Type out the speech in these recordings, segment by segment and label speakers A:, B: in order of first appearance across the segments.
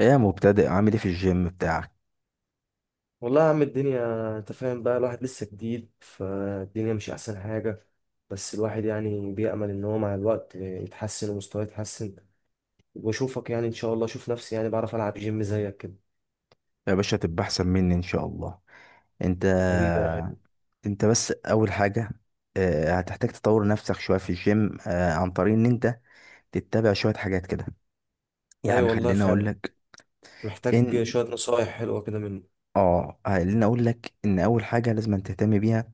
A: ايه يا مبتدئ؟ عامل ايه في الجيم بتاعك؟
B: والله يا عم، الدنيا انت فاهم بقى. الواحد لسه جديد فالدنيا، مش احسن حاجة. بس الواحد يعني بيأمل ان هو مع الوقت يتحسن ومستواه يتحسن. واشوفك يعني ان شاء الله اشوف نفسي يعني بعرف العب جيم زيك كده.
A: يا باشا تبقى احسن مني ان شاء الله. انت
B: حبيبي يا غالي.
A: انت بس اول حاجه، هتحتاج تطور نفسك شويه في الجيم، عن طريق ان انت تتبع شويه حاجات كده.
B: ايوه
A: يعني
B: والله
A: خليني اقول
B: فعلا.
A: لك
B: محتاج
A: ان
B: شوية نصايح حلوة كده منه.
A: اه خليني اقول لك ان اول حاجه لازم تهتم بيها،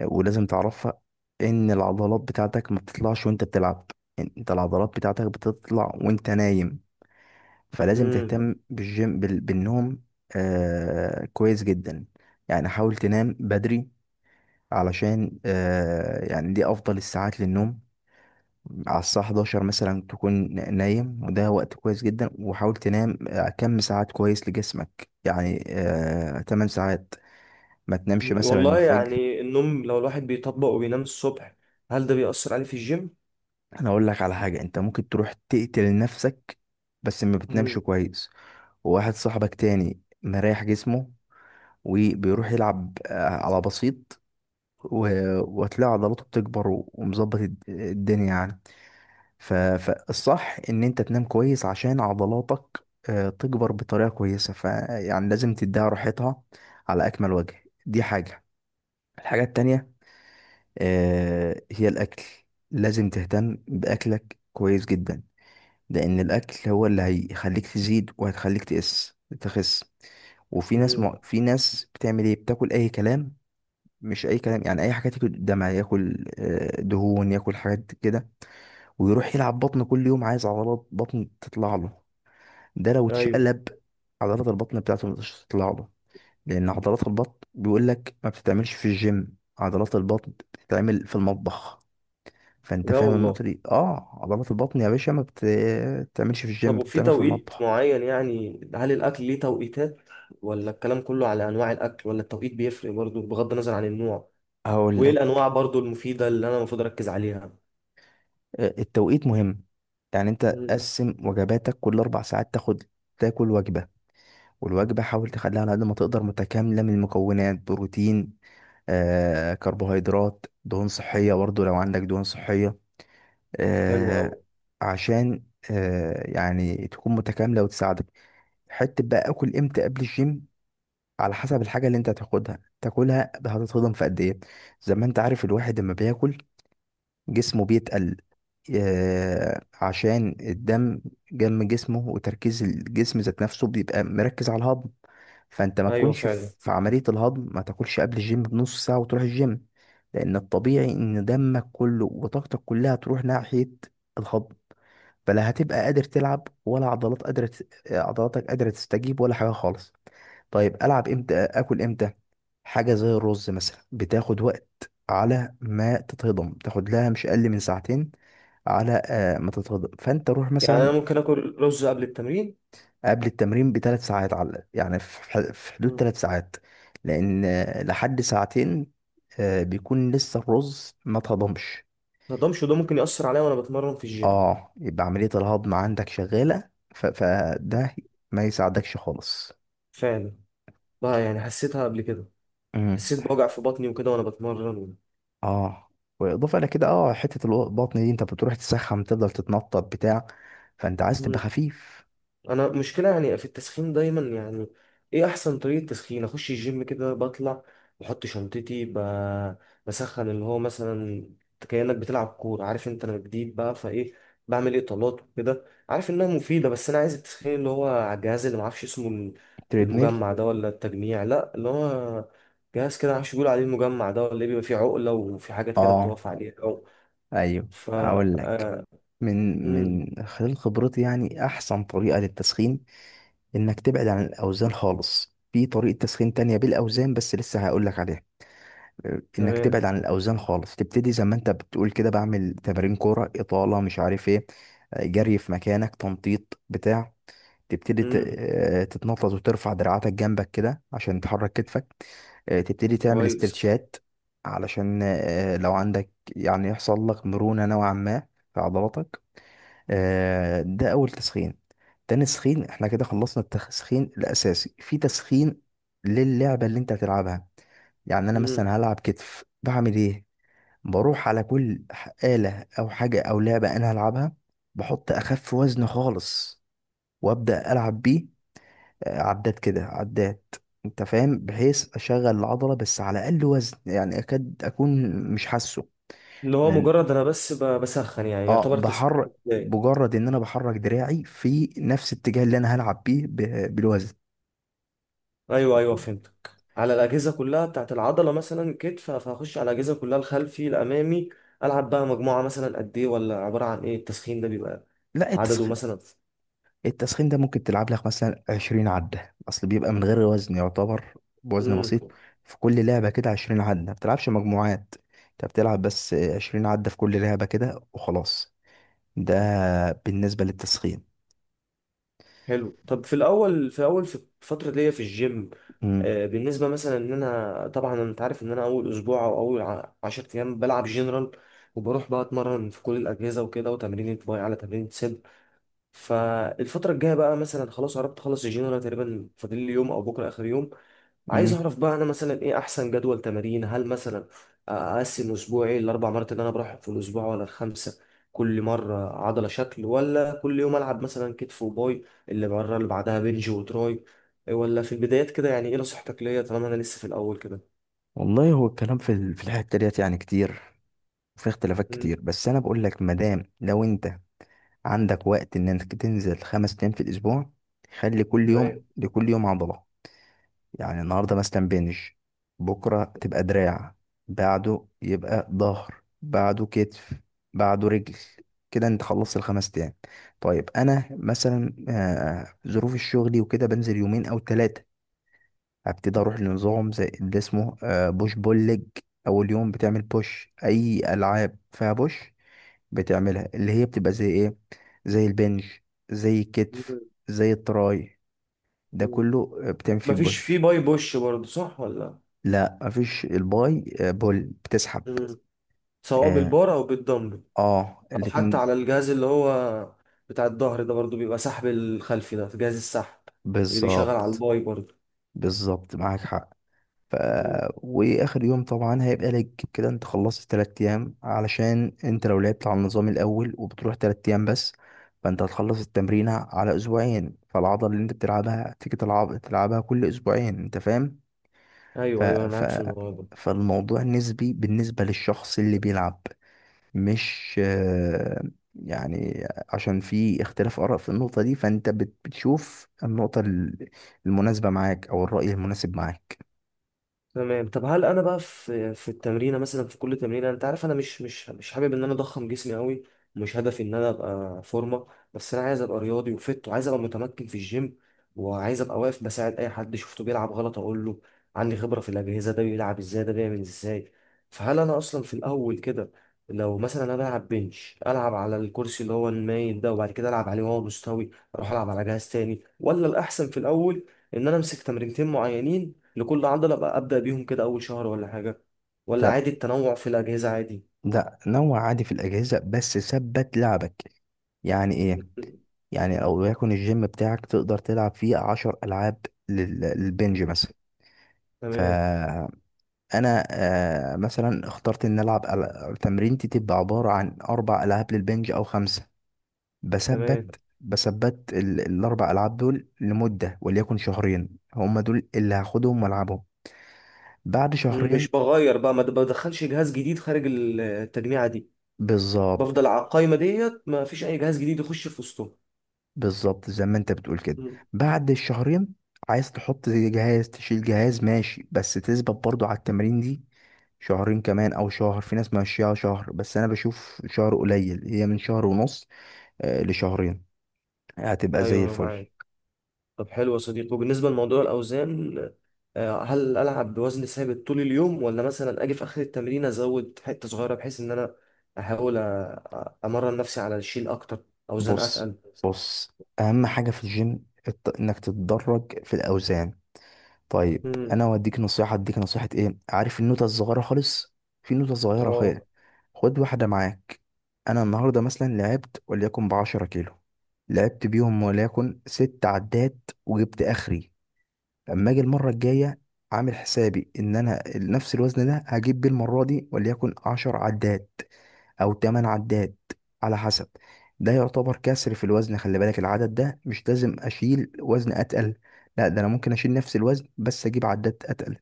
A: ولازم تعرفها، ان العضلات بتاعتك ما بتطلعش وانت بتلعب. انت العضلات بتاعتك بتطلع وانت نايم. فلازم
B: امم
A: تهتم بالجيم بالنوم. كويس جدا. يعني حاول تنام بدري علشان يعني دي افضل الساعات للنوم. على الساعة 11 مثلا تكون نايم، وده وقت كويس جدا. وحاول تنام كم ساعات كويس لجسمك، يعني 8 ساعات، ما تنامش مثلا
B: والله
A: الفجر.
B: يعني النوم لو الواحد بيطبق وبينام الصبح، هل ده بيأثر عليه في الجيم؟
A: انا اقول لك على حاجة: انت ممكن تروح تقتل نفسك بس ما بتنامش
B: امم.
A: كويس. وواحد صاحبك تاني مريح جسمه وبيروح يلعب على بسيط، وهتلاقي عضلاته بتكبر ومظبط الدنيا يعني. فالصح ان انت تنام كويس عشان عضلاتك، تكبر بطريقة كويسة، فيعني لازم تديها راحتها على اكمل وجه. دي حاجة. الحاجة التانية، هي الاكل. لازم تهتم باكلك كويس جدا، لان الاكل هو اللي هيخليك تزيد وهتخليك تخس. وفي ناس
B: امم.
A: في ناس بتعمل ايه؟ بتاكل اي كلام. مش اي كلام يعني، اي حاجات، ياكل دمع، ياكل دهون، ياكل حاجات كده، ويروح يلعب بطن كل يوم عايز عضلات بطن تطلع له. ده لو
B: ايوه.
A: اتشقلب، عضلات البطن بتاعته مش تطلع له، لان عضلات البطن بيقول لك ما بتتعملش في الجيم، عضلات البطن بتتعمل في المطبخ. فانت
B: لا
A: فاهم
B: والله.
A: النقطه دي؟ اه، عضلات البطن يا باشا ما بتتعملش في
B: طب
A: الجيم،
B: وفي
A: بتتعمل في
B: توقيت
A: المطبخ.
B: معين، يعني هل الأكل ليه توقيتات؟ ولا الكلام كله على أنواع الأكل؟ ولا التوقيت بيفرق برضو بغض النظر عن النوع؟
A: هقول
B: وإيه
A: لك،
B: الأنواع برضو المفيدة اللي أنا المفروض أركز عليها؟
A: التوقيت مهم. يعني انت
B: مم.
A: قسم وجباتك كل اربع ساعات، تاخد تاكل وجبه. والوجبة حاول تخليها على قد ما تقدر متكاملة من المكونات: بروتين، كربوهيدرات، دهون صحية برضو لو عندك دهون صحية.
B: حلو أوي.
A: آه، عشان يعني تكون متكاملة وتساعدك. حتة بقى اكل امتى قبل الجيم؟ على حسب الحاجة اللي انت هتاخدها تاكلها، هتتهضم في قد ايه. زي ما انت عارف الواحد لما بياكل جسمه بيتقل، عشان الدم جم جسمه وتركيز الجسم ذات نفسه بيبقى مركز على الهضم. فانت ما
B: أيوه
A: تكونش
B: فعلا.
A: في عملية الهضم، ما تاكلش قبل الجيم بنص ساعة وتروح الجيم. لان الطبيعي ان دمك كله وطاقتك كلها تروح ناحية الهضم، فلا هتبقى قادر تلعب ولا عضلاتك قادرة تستجيب ولا حاجة خالص. طيب ألعب إمتى، آكل إمتى؟ حاجة زي الرز مثلا بتاخد وقت على ما تتهضم، تاخد لها مش أقل من ساعتين على ما تتهضم. فأنت روح
B: يعني أنا
A: مثلا
B: ممكن آكل رز قبل التمرين؟
A: قبل التمرين بثلاث ساعات، على يعني في في حدود
B: مم.
A: ثلاث ساعات. لأن لحد ساعتين بيكون لسه الرز ما تهضمش.
B: متقدرش، وده ممكن يأثر عليا وأنا بتمرن في الجيم؟
A: اه، يبقى عملية الهضم عندك شغالة، فده ما يساعدكش خالص.
B: فعلا. بقى يعني حسيتها قبل كده.
A: امم
B: حسيت بوجع في بطني وكده وأنا بتمرن.
A: اه واضافه الى كده، اه حته البطن دي انت بتروح تسخن، تفضل تتنطط بتاع. فانت عايز تبقى
B: مم.
A: خفيف.
B: انا مشكله يعني في التسخين دايما يعني. ايه احسن طريقه تسخين؟ اخش الجيم كده بطلع بحط شنطتي بسخن، اللي هو مثلا كانك بتلعب كوره، عارف انت انا جديد بقى فايه. بعمل اطالات وكده، عارف انها مفيده، بس انا عايز التسخين اللي هو على الجهاز اللي معرفش اسمه.
A: تريدميل.
B: المجمع ده ولا التجميع، لا اللي هو جهاز كده معرفش بيقول عليه المجمع ده ولا ايه. بيبقى فيه عقله وفي حاجات كده
A: اه
B: بتقف عليها او
A: ايوه.
B: ف
A: اقول لك،
B: آه،
A: من
B: مم،
A: من خلال خبرتي يعني احسن طريقه للتسخين: انك تبعد عن الاوزان خالص. في طريقه تسخين تانية بالاوزان بس لسه هقول لك عليها. انك
B: تمام.
A: تبعد عن الاوزان خالص، تبتدي زي ما انت بتقول كده، بعمل تمارين كوره، اطاله، مش عارف ايه، جري في مكانك، تنطيط بتاع. تبتدي
B: مم،
A: تتنطط وترفع دراعاتك جنبك كده عشان تحرك كتفك. تبتدي تعمل
B: كويس.
A: استرتشات علشان لو عندك يعني يحصل لك مرونة نوعا ما في عضلاتك. ده اول تسخين. تاني تسخين، احنا كده خلصنا التسخين الاساسي، في تسخين للعبة اللي انت هتلعبها. يعني انا
B: مم.
A: مثلا هلعب كتف، بعمل ايه؟ بروح على كل آلة او حاجة او لعبة انا هلعبها، بحط اخف وزن خالص وابدأ العب بيه، عدات كده عدات، انت فاهم، بحيث اشغل العضلة بس على اقل وزن، يعني اكاد اكون مش حاسه.
B: اللي هو
A: لان
B: مجرد انا بس بسخن يعني
A: اه
B: يعتبر تسخين؟
A: بحرك،
B: بداية.
A: مجرد ان انا بحرك دراعي في نفس الاتجاه اللي انا هلعب بيه بالوزن.
B: ايوه ايوه فهمتك. على الاجهزه كلها بتاعت العضله، مثلا كتف فهخش على الاجهزه كلها، الخلفي الامامي. العب بقى مجموعه مثلا قد ايه؟ ولا عباره عن ايه التسخين ده؟ بيبقى
A: لا،
B: عدده
A: التسخين،
B: مثلا؟
A: التسخين ده ممكن تلعب لك مثلا 20 عدة، اصل بيبقى من غير وزن يعتبر، بوزن
B: امم.
A: بسيط. في كل لعبة كده 20 عدة، ما بتلعبش مجموعات، انت بتلعب بس 20 عدة في كل لعبة كده وخلاص. ده بالنسبة للتسخين.
B: حلو. طب في الفتره دي في الجيم،
A: امم
B: بالنسبه مثلا ان انا، طبعا انت عارف ان انا اول اسبوع او 10 ايام بلعب جنرال، وبروح بقى اتمرن في كل الاجهزه وكده، وتمرين باي على تمرين صدر. فالفترة الجاية بقى مثلا خلاص قربت اخلص الجيم، انا تقريبا فاضل لي يوم او بكرة اخر يوم. عايز
A: امم
B: اعرف بقى انا مثلا ايه احسن جدول تمارين؟ هل مثلا اقسم اسبوعي الاربع مرات اللي انا بروحهم في الاسبوع ولا الخمسة؟ كل مرة عضلة شكل، ولا كل يوم العب مثلا كتف وباي، اللي مرة اللي بعدها بنج وتراي؟ ولا في البدايات كده يعني ايه نصيحتك ليا طالما انا لسه في الاول كده؟
A: والله هو الكلام في في الحتة ديت يعني كتير، وفي اختلافات
B: مم.
A: كتير. بس انا بقول لك مادام لو انت عندك وقت ان انك تنزل خمس ايام في الاسبوع، خلي كل
B: تمام.
A: يوم لكل يوم عضلة. يعني النهاردة مثلا بنج، بكرة تبقى دراع، بعده يبقى ظهر، بعده كتف، بعده رجل. كده انت خلصت الخمس ايام. طيب انا مثلا، ظروف الشغل وكده بنزل يومين او ثلاثة، هبتدي اروح لنظام زي اللي اسمه بوش بول ليج. اول يوم بتعمل بوش، اي العاب فيها بوش بتعملها، اللي هي بتبقى زي ايه؟ زي البنج، زي الكتف،
B: مم.
A: زي التراي، ده
B: مم.
A: كله بتعمل فيه
B: مفيش في
A: بوش.
B: باي بوش برضه، صح ولا؟
A: لا، مفيش. الباي بول، بتسحب.
B: مم. سواء
A: اه,
B: بالبار او بالدمبل، او حتى
A: الاتنين.
B: على الجهاز اللي هو بتاع الظهر ده، برضو بيبقى سحب الخلفي، ده جهاز السحب اللي بيشغل على
A: بالظبط.
B: الباي برضو.
A: بالظبط معاك حق. ف...
B: مهم.
A: واخر يوم طبعا هيبقى لج. كده انت خلصت تلات ايام، علشان انت لو لعبت على النظام الاول وبتروح تلات ايام بس، فانت هتخلص التمرينة على اسبوعين، فالعضلة اللي انت بتلعبها تيجي تلعب تلعبها كل اسبوعين، انت فاهم. ف...
B: ايوه ايوه انا
A: ف...
B: معاك في الموضوع ده.
A: فالموضوع نسبي بالنسبة للشخص اللي بيلعب، مش يعني، عشان في اختلاف آراء في النقطة دي، فانت بتشوف النقطة المناسبة معاك او الرأي المناسب معاك.
B: تمام. طب هل انا بقى في التمرينه مثلا، في كل تمرينه، انت عارف انا مش حابب ان انا اضخم جسمي قوي. مش هدفي ان انا ابقى فورمه. بس انا عايز ابقى رياضي وفت، وعايز ابقى متمكن في الجيم. وعايز ابقى واقف بساعد اي حد شفته بيلعب غلط اقول له عندي خبره في الاجهزه، ده بيلعب ازاي، ده بيعمل ازاي. فهل انا اصلا في الاول كده لو مثلا انا بلعب بنش، العب على الكرسي اللي هو المايل ده وبعد كده العب عليه وهو مستوي، اروح العب على جهاز تاني؟ ولا الاحسن في الاول ان انا امسك تمرينتين معينين لكل عضلة بقى، أبدأ بيهم كده أول شهر ولا حاجة؟ ولا
A: ده
B: عادي التنوع في الأجهزة عادي؟
A: لا، نوع عادي في الأجهزة بس ثبت لعبك. يعني إيه؟ يعني أو يكون الجيم بتاعك تقدر تلعب فيه عشر ألعاب للبنج مثلا.
B: تمام
A: فأنا مثلا اخترت إن ألعب تمرينتي تبقى عبارة عن أربع ألعاب للبنج أو خمسة. بثبت
B: تمام.
A: بثبت الأربع ألعاب دول لمدة وليكن شهرين، هما دول اللي هاخدهم وألعبهم. بعد شهرين،
B: مش بغير بقى، ما بدخلش جهاز جديد خارج التجميعة دي؟
A: بالظبط.
B: بفضل على القايمة ديت، ما فيش أي جهاز جديد يخش في وسطهم؟
A: بالظبط زي ما انت بتقول كده.
B: مم.
A: بعد الشهرين، عايز تحط جهاز، تشيل جهاز، ماشي، بس تثبت برضو على التمرين دي شهرين كمان او شهر. في ناس ماشيها شهر بس انا بشوف شهر قليل، هي من شهر ونص لشهرين، هتبقى زي
B: أيوه أنا
A: الفل.
B: معاك. طب حلو يا صديقي. وبالنسبة لموضوع الأوزان، هل ألعب بوزن ثابت طول اليوم ولا مثلا أجي في آخر التمرين أزود حتة صغيرة بحيث إن أنا أحاول أمرن نفسي على الشيل أكتر، أوزان
A: بص،
B: أتقل؟
A: بص، اهم حاجة في الجيم انك تتدرج في الاوزان. طيب،
B: مم.
A: انا اوديك نصيحه اديك نصيحه ايه؟ عارف النوته الصغيره خالص؟ في نوته صغيره
B: اه
A: خالص، خد واحده معاك. انا النهارده مثلا لعبت وليكن بعشرة كيلو، لعبت بيهم وليكن ست عدات، وجبت اخري. اما اجي المره الجايه، عامل حسابي ان انا نفس الوزن ده هجيب بيه المره دي وليكن عشر عدات او 8 عداد، على حسب. ده يعتبر كسر في الوزن. خلي بالك، العدد ده مش لازم اشيل وزن اتقل، لا ده انا ممكن اشيل نفس الوزن بس اجيب عداد اتقل.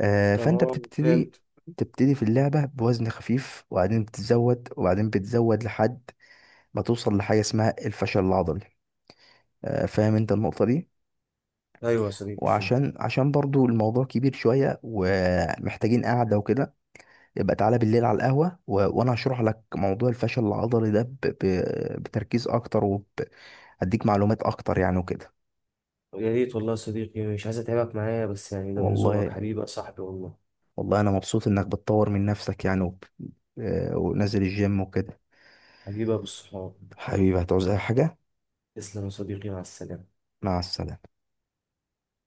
A: آه، فانت
B: اه
A: بتبتدي
B: فهمت.
A: تبتدي في اللعبة بوزن خفيف وبعدين بتزود وبعدين بتزود لحد ما توصل لحاجة اسمها الفشل العضلي. آه، فاهم انت النقطة دي.
B: ايوه يا صديقي فهمت.
A: وعشان برضو الموضوع كبير شوية ومحتاجين قعدة وكده، يبقى تعالى بالليل على القهوة وأنا هشرح لك موضوع الفشل العضلي ده بتركيز أكتر، وأديك معلومات أكتر يعني وكده.
B: يا ريت والله يا صديقي، مش عايز اتعبك معايا، بس يعني ده من ذوقك،
A: والله،
B: حبيبي يا صاحبي والله.
A: والله أنا مبسوط إنك بتطور من نفسك يعني وب... آه، ونازل الجيم وكده.
B: حبيبي يا ابو الصحاب.
A: حبيبي، هتعوز أي حاجة.
B: تسلم يا صديقي، مع السلامه.
A: مع السلامة.